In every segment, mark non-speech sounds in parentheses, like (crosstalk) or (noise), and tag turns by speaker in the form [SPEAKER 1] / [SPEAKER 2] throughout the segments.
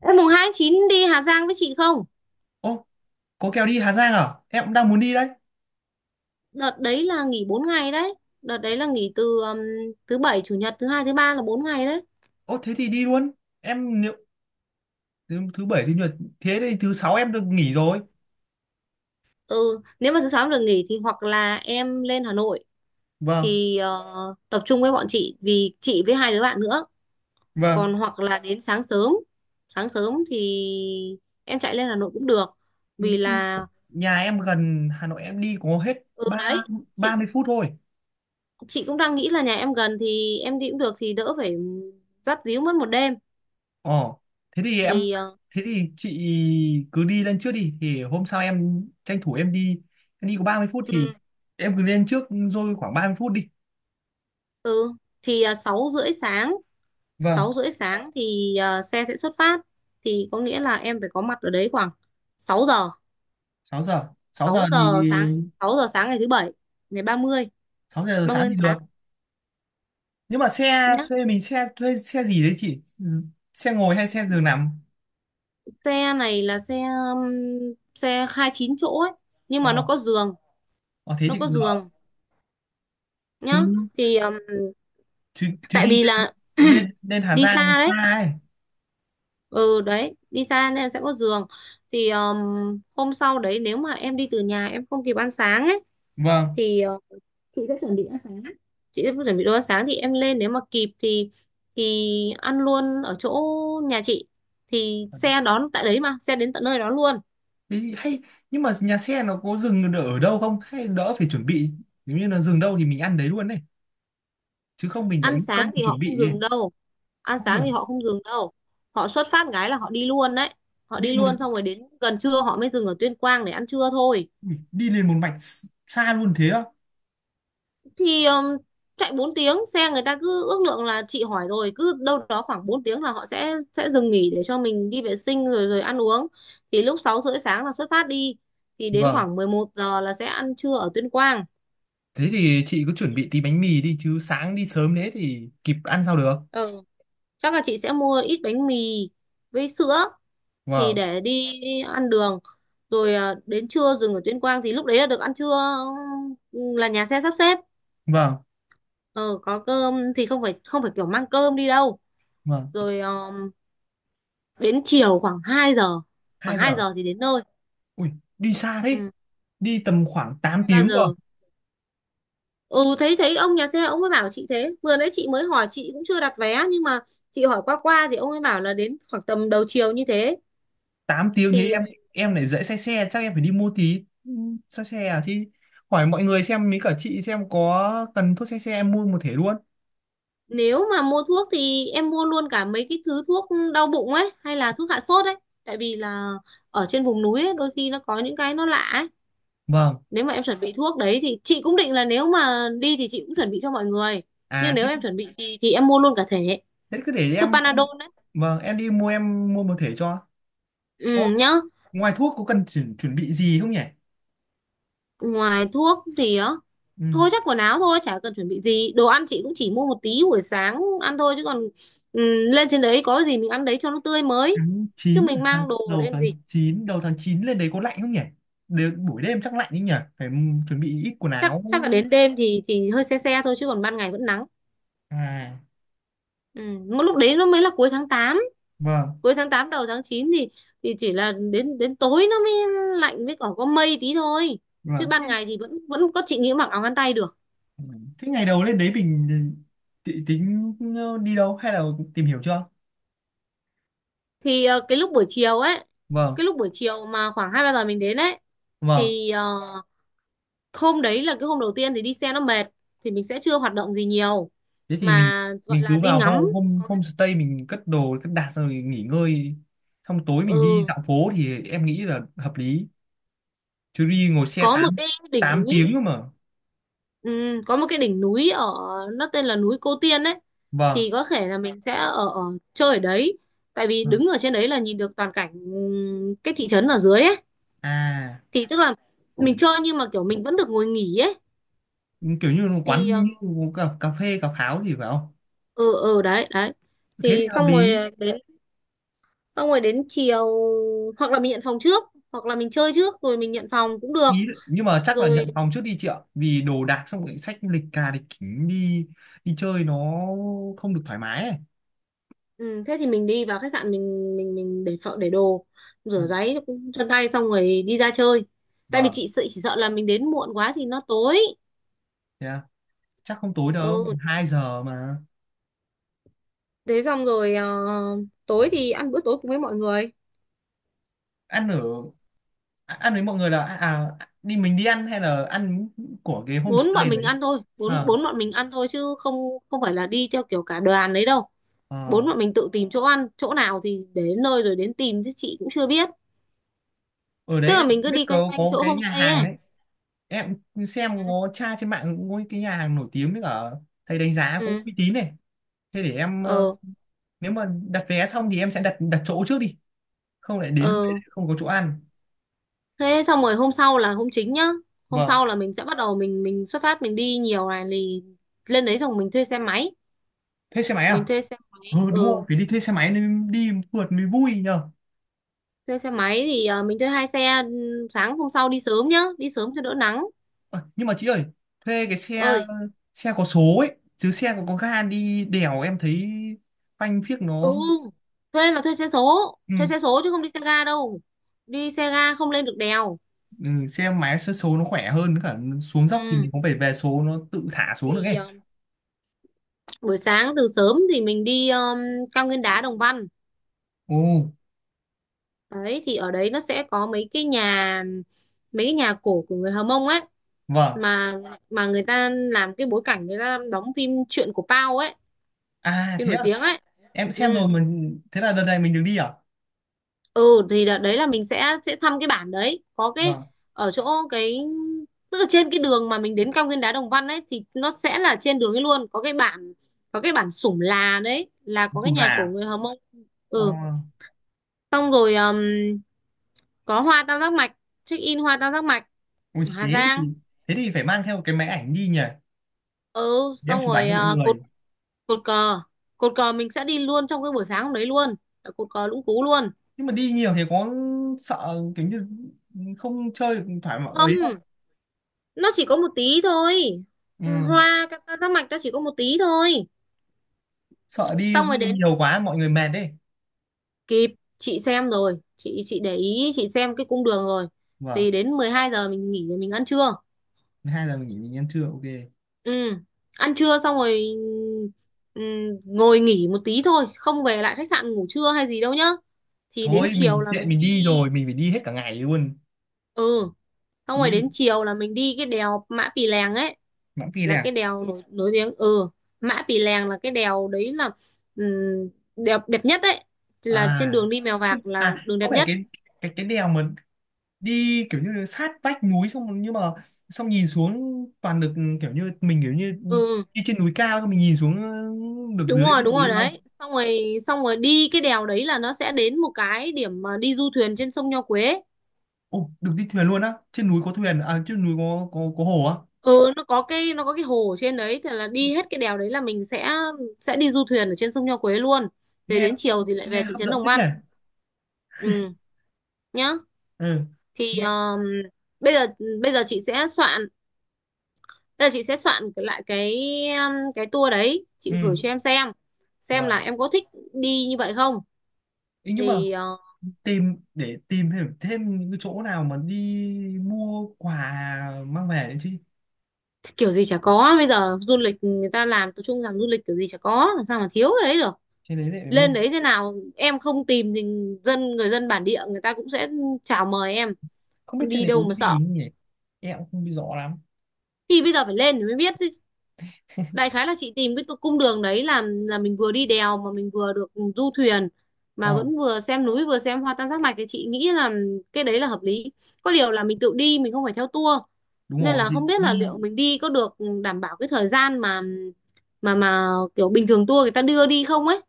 [SPEAKER 1] Em mùng 2 tháng 9 đi Hà Giang với chị không?
[SPEAKER 2] Ô, có kèo đi Hà Giang à? Em cũng đang muốn đi đấy.
[SPEAKER 1] Đợt đấy là nghỉ 4 ngày đấy. Đợt đấy là nghỉ từ thứ bảy, chủ nhật, thứ hai, thứ ba là 4 ngày đấy.
[SPEAKER 2] Ô, thế thì đi luôn. Em nếu thứ bảy thứ nhật thế thì thứ sáu em được nghỉ rồi.
[SPEAKER 1] Ừ, nếu mà thứ sáu được nghỉ thì hoặc là em lên Hà Nội
[SPEAKER 2] Vâng,
[SPEAKER 1] thì tập trung với bọn chị vì chị với hai đứa bạn nữa.
[SPEAKER 2] vâng.
[SPEAKER 1] Còn hoặc là đến sáng sớm. Sáng sớm thì em chạy lên Hà Nội cũng được. Vì
[SPEAKER 2] Ý-
[SPEAKER 1] là
[SPEAKER 2] Nhà em gần Hà Nội em đi có hết
[SPEAKER 1] ừ
[SPEAKER 2] ba
[SPEAKER 1] đấy,
[SPEAKER 2] ba
[SPEAKER 1] chị
[SPEAKER 2] mươi phút thôi.
[SPEAKER 1] chị cũng đang nghĩ là nhà em gần thì em đi cũng được thì đỡ phải dắt díu mất một đêm.
[SPEAKER 2] Ồ, thế thì em
[SPEAKER 1] Thì
[SPEAKER 2] thế thì chị cứ đi lên trước đi thì hôm sau em tranh thủ em đi. Em đi có 30 phút thì
[SPEAKER 1] ừ,
[SPEAKER 2] em cứ lên trước rồi khoảng 30 phút đi.
[SPEAKER 1] Ừ thì 6 rưỡi sáng,
[SPEAKER 2] Vâng,
[SPEAKER 1] 6:30 sáng thì xe sẽ xuất phát, thì có nghĩa là em phải có mặt ở đấy khoảng 6 giờ,
[SPEAKER 2] 6 giờ. Sáu giờ
[SPEAKER 1] sáu
[SPEAKER 2] thì
[SPEAKER 1] giờ sáng 6 giờ sáng ngày thứ bảy, ngày 30,
[SPEAKER 2] 6 giờ sáng
[SPEAKER 1] 30
[SPEAKER 2] thì
[SPEAKER 1] tháng
[SPEAKER 2] được.
[SPEAKER 1] 8
[SPEAKER 2] Nhưng mà
[SPEAKER 1] nhá.
[SPEAKER 2] xe thuê xe gì đấy chị? Ừ, xe ngồi hay xe giường nằm?
[SPEAKER 1] Xe này là xe um, xe 29 chỗ ấy nhưng
[SPEAKER 2] ờ
[SPEAKER 1] mà nó có giường,
[SPEAKER 2] ờ, thế
[SPEAKER 1] nó
[SPEAKER 2] thì
[SPEAKER 1] có
[SPEAKER 2] cũng đỡ,
[SPEAKER 1] giường
[SPEAKER 2] chứ
[SPEAKER 1] nhá. Thì
[SPEAKER 2] chứ chứ
[SPEAKER 1] tại
[SPEAKER 2] đi
[SPEAKER 1] vì
[SPEAKER 2] lên,
[SPEAKER 1] là (clears throat)
[SPEAKER 2] lên Hà
[SPEAKER 1] đi
[SPEAKER 2] Giang
[SPEAKER 1] xa
[SPEAKER 2] xa
[SPEAKER 1] đấy,
[SPEAKER 2] ấy.
[SPEAKER 1] ừ đấy đi xa nên sẽ có giường. Thì hôm sau đấy nếu mà em đi từ nhà em không kịp ăn sáng ấy
[SPEAKER 2] Vâng,
[SPEAKER 1] thì chị chuẩn bị đồ ăn sáng thì em lên nếu mà kịp thì ăn luôn ở chỗ nhà chị, thì xe đón tại đấy mà xe đến tận nơi đó luôn.
[SPEAKER 2] thế thì hay. Nhưng mà nhà xe nó có dừng ở đâu không hay đỡ phải chuẩn bị? Nếu như là dừng đâu thì mình ăn đấy luôn này, chứ không mình lại
[SPEAKER 1] Ăn
[SPEAKER 2] mất công
[SPEAKER 1] sáng thì
[SPEAKER 2] chuẩn
[SPEAKER 1] họ không
[SPEAKER 2] bị ấy.
[SPEAKER 1] dừng đâu, ăn
[SPEAKER 2] Không
[SPEAKER 1] sáng thì
[SPEAKER 2] dừng.
[SPEAKER 1] họ không dừng đâu, họ xuất phát cái là họ đi luôn đấy, họ
[SPEAKER 2] Đi
[SPEAKER 1] đi
[SPEAKER 2] một
[SPEAKER 1] luôn xong rồi đến gần trưa họ mới dừng ở Tuyên Quang để ăn trưa thôi.
[SPEAKER 2] Ui, đi lên một mạch xa luôn thế á?
[SPEAKER 1] Thì chạy 4 tiếng xe, người ta cứ ước lượng, là chị hỏi rồi cứ đâu đó khoảng 4 tiếng là họ sẽ dừng nghỉ để cho mình đi vệ sinh rồi rồi ăn uống. Thì lúc 6:30 sáng là xuất phát đi thì đến
[SPEAKER 2] Vâng,
[SPEAKER 1] khoảng 11 giờ là sẽ ăn trưa ở Tuyên Quang.
[SPEAKER 2] thế thì chị cứ chuẩn bị tí bánh mì đi chứ sáng đi sớm thế thì kịp ăn sao được.
[SPEAKER 1] Ừ. Chắc là chị sẽ mua ít bánh mì với sữa thì
[SPEAKER 2] Vâng.
[SPEAKER 1] để đi ăn đường. Rồi đến trưa dừng ở Tuyên Quang thì lúc đấy là được ăn trưa, là nhà xe sắp xếp.
[SPEAKER 2] Vâng.
[SPEAKER 1] Ờ có cơm thì không phải kiểu mang cơm đi đâu.
[SPEAKER 2] Vâng.
[SPEAKER 1] Rồi đến chiều khoảng 2 giờ, khoảng
[SPEAKER 2] Hai
[SPEAKER 1] 2
[SPEAKER 2] giờ.
[SPEAKER 1] giờ thì đến nơi.
[SPEAKER 2] Ui, đi xa đấy,
[SPEAKER 1] Ừ,
[SPEAKER 2] đi tầm khoảng 8
[SPEAKER 1] 2 3
[SPEAKER 2] tiếng rồi.
[SPEAKER 1] giờ. Ừ thấy thấy ông nhà xe, ông ấy bảo chị, thế vừa nãy chị mới hỏi, chị cũng chưa đặt vé nhưng mà chị hỏi qua qua thì ông ấy bảo là đến khoảng tầm đầu chiều như thế.
[SPEAKER 2] Tám tiếng thế
[SPEAKER 1] Thì
[SPEAKER 2] em lại dễ say xe, chắc em phải đi mua tí. Ừ, say xe à thì hỏi mọi người xem mấy cả chị xem có cần thuốc say xe em mua một thể luôn.
[SPEAKER 1] nếu mà mua thuốc thì em mua luôn cả mấy cái thứ thuốc đau bụng ấy hay là thuốc hạ sốt ấy, tại vì là ở trên vùng núi ấy, đôi khi nó có những cái nó lạ ấy.
[SPEAKER 2] Vâng.
[SPEAKER 1] Nếu mà em chuẩn bị thuốc đấy thì chị cũng định là nếu mà đi thì chị cũng chuẩn bị cho mọi người, nhưng
[SPEAKER 2] À
[SPEAKER 1] nếu
[SPEAKER 2] thế,
[SPEAKER 1] em chuẩn bị thì em mua luôn cả thể
[SPEAKER 2] thế cứ để
[SPEAKER 1] thuốc
[SPEAKER 2] em.
[SPEAKER 1] Panadol đấy.
[SPEAKER 2] Vâng, em đi mua em mua một thể cho có.
[SPEAKER 1] Ừ nhá,
[SPEAKER 2] Ngoài thuốc có cần chuẩn bị gì không nhỉ?
[SPEAKER 1] ngoài thuốc thì á,
[SPEAKER 2] Ừ.
[SPEAKER 1] thôi chắc quần áo thôi, chả cần chuẩn bị gì. Đồ ăn chị cũng chỉ mua một tí buổi sáng ăn thôi chứ còn ừ, lên trên đấy có gì mình ăn đấy cho nó tươi mới.
[SPEAKER 2] Tháng
[SPEAKER 1] Chứ
[SPEAKER 2] 9
[SPEAKER 1] mình
[SPEAKER 2] à? Tháng
[SPEAKER 1] mang đồ ở
[SPEAKER 2] đầu
[SPEAKER 1] đêm gì?
[SPEAKER 2] tháng 9 Đầu tháng 9 lên đấy có lạnh không nhỉ? Đều, buổi đêm chắc lạnh đấy nhỉ, phải, ừ, chuẩn bị ít quần
[SPEAKER 1] Chắc
[SPEAKER 2] áo.
[SPEAKER 1] chắc là đến đêm thì hơi se se thôi chứ còn ban ngày vẫn nắng.
[SPEAKER 2] À
[SPEAKER 1] Ừ, một lúc đấy nó mới là
[SPEAKER 2] vâng,
[SPEAKER 1] cuối tháng 8 đầu tháng 9 thì chỉ là đến đến tối nó mới lạnh với còn có mây tí thôi. Chứ
[SPEAKER 2] vâng
[SPEAKER 1] ban
[SPEAKER 2] thế,
[SPEAKER 1] ngày thì vẫn vẫn có, chị nghĩ mặc áo ngắn tay được.
[SPEAKER 2] thế ngày đầu lên đấy mình tính đi đâu hay là tìm hiểu chưa?
[SPEAKER 1] Thì cái lúc buổi chiều ấy,
[SPEAKER 2] Vâng.
[SPEAKER 1] cái lúc buổi chiều mà khoảng 2 3 giờ mình đến ấy
[SPEAKER 2] Vâng,
[SPEAKER 1] thì hôm đấy là cái hôm đầu tiên thì đi xe nó mệt thì mình sẽ chưa hoạt động gì nhiều
[SPEAKER 2] thế thì
[SPEAKER 1] mà gọi
[SPEAKER 2] mình
[SPEAKER 1] là
[SPEAKER 2] cứ
[SPEAKER 1] đi
[SPEAKER 2] vào
[SPEAKER 1] ngắm.
[SPEAKER 2] hôm hôm
[SPEAKER 1] Có cái,
[SPEAKER 2] homestay mình cất đồ cất đặt xong rồi nghỉ ngơi, xong tối mình đi
[SPEAKER 1] ừ,
[SPEAKER 2] dạo phố thì em nghĩ là hợp lý, chứ đi ngồi xe
[SPEAKER 1] có một
[SPEAKER 2] 8
[SPEAKER 1] cái đỉnh
[SPEAKER 2] 8
[SPEAKER 1] núi,
[SPEAKER 2] tiếng cơ mà.
[SPEAKER 1] ừ, có một cái đỉnh núi ở, nó tên là núi Cô Tiên ấy,
[SPEAKER 2] Vâng.
[SPEAKER 1] thì có thể là mình sẽ ở, ở chơi ở đấy, tại vì
[SPEAKER 2] Vâng.
[SPEAKER 1] đứng ở trên đấy là nhìn được toàn cảnh cái thị trấn ở dưới ấy.
[SPEAKER 2] À,
[SPEAKER 1] Thì tức là mình chơi nhưng mà kiểu mình vẫn được ngồi nghỉ ấy
[SPEAKER 2] kiểu như là
[SPEAKER 1] thì
[SPEAKER 2] quán như cà phê cà pháo gì phải không?
[SPEAKER 1] ừ, ừ đấy đấy.
[SPEAKER 2] Thế thì
[SPEAKER 1] Thì
[SPEAKER 2] hợp
[SPEAKER 1] xong
[SPEAKER 2] lý.
[SPEAKER 1] rồi đến, xong rồi đến chiều hoặc là mình nhận phòng trước hoặc là mình chơi trước rồi mình nhận phòng cũng được.
[SPEAKER 2] Ý nhưng mà chắc là
[SPEAKER 1] Rồi
[SPEAKER 2] nhận phòng trước đi chị ạ vì đồ đạc xong rồi sách lịch cà lịch kính đi, đi chơi nó không được thoải mái ấy.
[SPEAKER 1] ừ, thế thì mình đi vào khách sạn, mình để phợ để đồ,
[SPEAKER 2] Ừ.
[SPEAKER 1] rửa ráy chân tay xong rồi đi ra chơi, tại vì
[SPEAKER 2] Vâng.
[SPEAKER 1] chị sợ, chỉ sợ là mình đến muộn quá thì nó tối.
[SPEAKER 2] Thế à? Chắc không tối đâu,
[SPEAKER 1] Ừ
[SPEAKER 2] 2 giờ mà.
[SPEAKER 1] thế xong rồi tối thì ăn bữa tối cùng với mọi người.
[SPEAKER 2] Ăn ở, à, ăn với mọi người là à đi mình đi ăn hay là ăn của cái
[SPEAKER 1] Bốn bọn
[SPEAKER 2] homestay
[SPEAKER 1] mình
[SPEAKER 2] đấy?
[SPEAKER 1] ăn thôi, bốn
[SPEAKER 2] À,
[SPEAKER 1] bốn bọn mình ăn thôi chứ không, không phải là đi theo kiểu cả đoàn đấy đâu. Bốn
[SPEAKER 2] à.
[SPEAKER 1] bọn mình tự tìm chỗ ăn, chỗ nào thì đến nơi rồi đến tìm chứ chị cũng chưa biết.
[SPEAKER 2] Ở
[SPEAKER 1] Tức
[SPEAKER 2] đấy
[SPEAKER 1] là
[SPEAKER 2] em
[SPEAKER 1] mình cứ
[SPEAKER 2] biết
[SPEAKER 1] đi quanh
[SPEAKER 2] có
[SPEAKER 1] quanh chỗ
[SPEAKER 2] cái nhà
[SPEAKER 1] homestay
[SPEAKER 2] hàng
[SPEAKER 1] ấy.
[SPEAKER 2] ấy, em xem có tra trên mạng có cái nhà hàng nổi tiếng với cả thầy đánh giá cũng
[SPEAKER 1] Ừ
[SPEAKER 2] uy tín này. Thế để em, ờ,
[SPEAKER 1] ờ
[SPEAKER 2] nếu mà đặt vé xong thì em sẽ đặt đặt chỗ trước đi, không lại đến hôm đấy
[SPEAKER 1] ờ,
[SPEAKER 2] lại không có chỗ ăn.
[SPEAKER 1] thế xong rồi hôm sau là hôm chính nhá. Hôm
[SPEAKER 2] Vâng.
[SPEAKER 1] sau là mình sẽ bắt đầu mình xuất phát, mình đi nhiều này, thì lên đấy xong mình thuê xe máy,
[SPEAKER 2] Thuê xe máy
[SPEAKER 1] mình
[SPEAKER 2] à?
[SPEAKER 1] thuê xe máy
[SPEAKER 2] Ừ đúng
[SPEAKER 1] ừ.
[SPEAKER 2] rồi, phải đi thuê xe máy nên đi phượt mới vui nhờ.
[SPEAKER 1] Thuê xe máy thì mình thuê 2 xe, ừ, sáng hôm sau đi sớm nhá, đi sớm cho đỡ nắng.
[SPEAKER 2] Ờ, nhưng mà chị ơi, thuê cái xe
[SPEAKER 1] Ơi
[SPEAKER 2] xe có số ấy chứ xe có ga đi đèo em thấy phanh phiếc
[SPEAKER 1] ừ,
[SPEAKER 2] nó.
[SPEAKER 1] thuê là thuê xe số,
[SPEAKER 2] Ừ,
[SPEAKER 1] thuê xe số chứ không đi xe ga đâu, đi xe ga không lên được đèo.
[SPEAKER 2] ừ, xe máy số, số nó khỏe hơn cả, xuống dốc thì
[SPEAKER 1] Ừ
[SPEAKER 2] mình cũng phải về số nó tự thả xuống được
[SPEAKER 1] thì
[SPEAKER 2] ấy.
[SPEAKER 1] buổi sáng từ sớm thì mình đi cao nguyên đá Đồng Văn
[SPEAKER 2] Ồ.
[SPEAKER 1] đấy. Thì ở đấy nó sẽ có mấy cái nhà, mấy cái nhà cổ của người Hờ Mông ấy,
[SPEAKER 2] Vâng.
[SPEAKER 1] mà người ta làm cái bối cảnh, người ta đóng phim Chuyện của Pao ấy,
[SPEAKER 2] À
[SPEAKER 1] phim
[SPEAKER 2] thế
[SPEAKER 1] nổi
[SPEAKER 2] à,
[SPEAKER 1] tiếng ấy.
[SPEAKER 2] em xem rồi,
[SPEAKER 1] Ừ
[SPEAKER 2] mình thế là đợt này mình được đi à.
[SPEAKER 1] ừ thì đợt đấy là mình sẽ thăm cái bản đấy có cái,
[SPEAKER 2] Vâng,
[SPEAKER 1] ở chỗ cái, tức là trên cái đường mà mình đến cao nguyên đá Đồng Văn ấy thì nó sẽ là trên đường ấy luôn có cái bản, có cái bản Sủng Là đấy, là
[SPEAKER 2] nói
[SPEAKER 1] có cái
[SPEAKER 2] chung
[SPEAKER 1] nhà cổ
[SPEAKER 2] là
[SPEAKER 1] người Hờ Mông.
[SPEAKER 2] ờ,
[SPEAKER 1] Ừ xong rồi có hoa tam giác mạch, check in hoa tam giác mạch
[SPEAKER 2] ui
[SPEAKER 1] ở Hà
[SPEAKER 2] thế
[SPEAKER 1] Giang.
[SPEAKER 2] thì, thế thì phải mang theo cái máy ảnh đi nhỉ,
[SPEAKER 1] Ừ
[SPEAKER 2] để em
[SPEAKER 1] xong
[SPEAKER 2] chụp ảnh
[SPEAKER 1] rồi
[SPEAKER 2] cho mọi
[SPEAKER 1] cột,
[SPEAKER 2] người.
[SPEAKER 1] cột cờ, cột cờ mình sẽ đi luôn trong cái buổi sáng hôm đấy luôn, ở cột cờ Lũng Cú luôn.
[SPEAKER 2] Nhưng mà đi nhiều thì có sợ kiểu như không chơi được thoải mái ấy không?
[SPEAKER 1] Không, nó chỉ có một tí thôi,
[SPEAKER 2] Ừ.
[SPEAKER 1] hoa các tam giác mạch nó chỉ có một tí thôi.
[SPEAKER 2] Sợ đi
[SPEAKER 1] Xong rồi đến
[SPEAKER 2] nhiều quá mọi người mệt đấy.
[SPEAKER 1] kịp, chị xem rồi, chị để ý, chị xem cái cung đường rồi.
[SPEAKER 2] Vâng,
[SPEAKER 1] Thì đến 12 giờ mình nghỉ rồi mình ăn trưa.
[SPEAKER 2] hai giờ mình nghỉ mình ăn trưa, ok.
[SPEAKER 1] Ừ, ăn trưa xong rồi ừ, ngồi nghỉ một tí thôi, không về lại khách sạn ngủ trưa hay gì đâu nhá. Thì đến
[SPEAKER 2] Thôi
[SPEAKER 1] chiều
[SPEAKER 2] mình
[SPEAKER 1] là
[SPEAKER 2] tiện
[SPEAKER 1] mình
[SPEAKER 2] mình
[SPEAKER 1] đi,
[SPEAKER 2] đi rồi mình phải đi hết cả ngày luôn.
[SPEAKER 1] ừ, xong rồi đến
[SPEAKER 2] Ý
[SPEAKER 1] chiều là mình đi cái đèo Mã Pì Lèng ấy,
[SPEAKER 2] Mãn Kỳ đây
[SPEAKER 1] là cái
[SPEAKER 2] à?
[SPEAKER 1] đèo nổi nổi tiếng, ừ, Mã Pì Lèng là cái đèo đấy là, ừ, đẹp đẹp nhất đấy, là trên
[SPEAKER 2] À
[SPEAKER 1] đường đi Mèo Vạc là
[SPEAKER 2] à
[SPEAKER 1] đường
[SPEAKER 2] có
[SPEAKER 1] đẹp
[SPEAKER 2] phải
[SPEAKER 1] nhất.
[SPEAKER 2] cái đèo mà đi kiểu như sát vách núi xong rồi, nhưng mà xong nhìn xuống toàn được kiểu như mình kiểu như
[SPEAKER 1] Ừ,
[SPEAKER 2] đi trên núi cao xong mình nhìn xuống được dưới bên
[SPEAKER 1] đúng rồi
[SPEAKER 2] dưới không?
[SPEAKER 1] đấy. Xong rồi đi cái đèo đấy là nó sẽ đến một cái điểm mà đi du thuyền trên sông Nho Quế.
[SPEAKER 2] Ồ, được đi thuyền luôn á, trên núi có thuyền, à trên núi có hồ á.
[SPEAKER 1] Ừ nó có cái, nó có cái hồ ở trên đấy, thì là đi hết cái đèo đấy là mình sẽ đi du thuyền ở trên sông Nho Quế luôn. Thế
[SPEAKER 2] Nghe,
[SPEAKER 1] đến chiều thì lại về
[SPEAKER 2] nghe
[SPEAKER 1] thị
[SPEAKER 2] hấp
[SPEAKER 1] trấn
[SPEAKER 2] dẫn
[SPEAKER 1] Đồng
[SPEAKER 2] thế nhỉ.
[SPEAKER 1] Văn, ừ nhá.
[SPEAKER 2] Ừ.
[SPEAKER 1] Thì
[SPEAKER 2] Nghe.
[SPEAKER 1] bây giờ bây giờ chị sẽ soạn, bây giờ chị sẽ soạn lại cái tour đấy, chị
[SPEAKER 2] Ừ.
[SPEAKER 1] gửi cho em xem là
[SPEAKER 2] Wow.
[SPEAKER 1] em có thích đi như vậy không.
[SPEAKER 2] Ý nhưng mà
[SPEAKER 1] Thì
[SPEAKER 2] tìm để tìm thêm thêm những cái chỗ nào mà đi mua quà mang về đấy chứ.
[SPEAKER 1] kiểu gì chả có, bây giờ du lịch người ta làm tập trung, làm du lịch kiểu gì chả có, làm sao mà thiếu cái đấy được.
[SPEAKER 2] Trên đấy lại phải mua.
[SPEAKER 1] Lên đấy thế nào em không tìm thì dân, người dân bản địa người ta cũng sẽ chào mời em,
[SPEAKER 2] Không biết trên
[SPEAKER 1] đi
[SPEAKER 2] đấy có
[SPEAKER 1] đâu mà
[SPEAKER 2] cái gì
[SPEAKER 1] sợ.
[SPEAKER 2] không nhỉ? Em cũng không biết rõ lắm.
[SPEAKER 1] Thì bây giờ phải lên thì mới biết chứ. Đại khái là chị tìm cái cung đường đấy là mình vừa đi đèo mà mình vừa được du thuyền, mà
[SPEAKER 2] Ờ,
[SPEAKER 1] vẫn vừa xem núi vừa xem hoa tam giác mạch thì chị nghĩ là cái đấy là hợp lý. Có điều là mình tự đi, mình không phải theo tour,
[SPEAKER 2] đúng
[SPEAKER 1] nên
[SPEAKER 2] rồi
[SPEAKER 1] là
[SPEAKER 2] thì
[SPEAKER 1] không biết là
[SPEAKER 2] đi
[SPEAKER 1] liệu mình đi có được đảm bảo cái thời gian mà mà kiểu bình thường tour người ta đưa đi không ấy.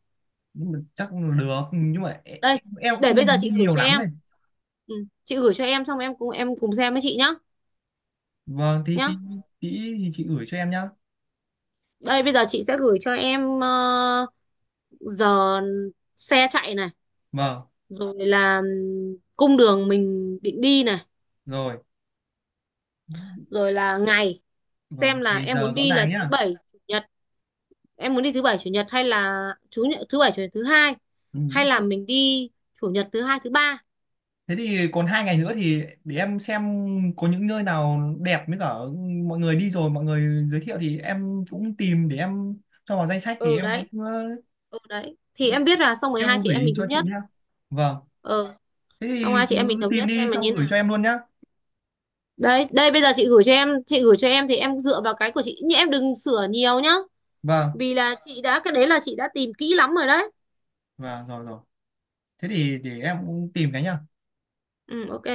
[SPEAKER 2] nhưng mà chắc là được nhưng mà
[SPEAKER 1] Đây,
[SPEAKER 2] em cũng
[SPEAKER 1] để bây giờ
[SPEAKER 2] không đi
[SPEAKER 1] chị gửi
[SPEAKER 2] nhiều
[SPEAKER 1] cho
[SPEAKER 2] lắm này.
[SPEAKER 1] em, ừ, chị gửi cho em xong em cùng xem với chị nhá,
[SPEAKER 2] Vâng, thì tí
[SPEAKER 1] nhá.
[SPEAKER 2] tí thì chị gửi cho em nhá.
[SPEAKER 1] Đây bây giờ chị sẽ gửi cho em giờ xe chạy này,
[SPEAKER 2] Vâng,
[SPEAKER 1] rồi là cung đường mình định đi này,
[SPEAKER 2] rồi.
[SPEAKER 1] rồi là ngày,
[SPEAKER 2] Vâng,
[SPEAKER 1] xem là
[SPEAKER 2] thì
[SPEAKER 1] em
[SPEAKER 2] giờ
[SPEAKER 1] muốn
[SPEAKER 2] rõ
[SPEAKER 1] đi là
[SPEAKER 2] ràng
[SPEAKER 1] thứ
[SPEAKER 2] nhá.
[SPEAKER 1] bảy chủ nhật, em muốn đi thứ bảy chủ nhật hay là thứ nhật, thứ bảy chủ nhật thứ hai,
[SPEAKER 2] Ừ.
[SPEAKER 1] hay là mình đi chủ nhật thứ hai thứ ba.
[SPEAKER 2] Thế thì còn hai ngày nữa thì để em xem có những nơi nào đẹp với cả mọi người đi rồi mọi người giới thiệu thì em cũng tìm để em cho vào danh sách thì
[SPEAKER 1] Ừ
[SPEAKER 2] em
[SPEAKER 1] đấy,
[SPEAKER 2] cũng ờ,
[SPEAKER 1] ừ đấy thì em biết, là xong rồi
[SPEAKER 2] em
[SPEAKER 1] hai
[SPEAKER 2] cũng
[SPEAKER 1] chị em
[SPEAKER 2] gửi
[SPEAKER 1] mình thống
[SPEAKER 2] cho chị
[SPEAKER 1] nhất.
[SPEAKER 2] nhá. Vâng.
[SPEAKER 1] Ừ
[SPEAKER 2] Thế
[SPEAKER 1] xong
[SPEAKER 2] thì
[SPEAKER 1] hai chị em mình
[SPEAKER 2] cứ
[SPEAKER 1] thống
[SPEAKER 2] tìm
[SPEAKER 1] nhất xem
[SPEAKER 2] đi
[SPEAKER 1] là như
[SPEAKER 2] xong
[SPEAKER 1] thế
[SPEAKER 2] gửi
[SPEAKER 1] nào.
[SPEAKER 2] cho em luôn nhá.
[SPEAKER 1] Đấy đây bây giờ chị gửi cho em, chị gửi cho em thì em dựa vào cái của chị nhưng em đừng sửa nhiều nhá,
[SPEAKER 2] Vâng.
[SPEAKER 1] vì là chị đã, cái đấy là chị đã tìm kỹ lắm rồi đấy.
[SPEAKER 2] Vâng rồi rồi. Thế thì để em cũng tìm cái nhá.
[SPEAKER 1] Ừ ok.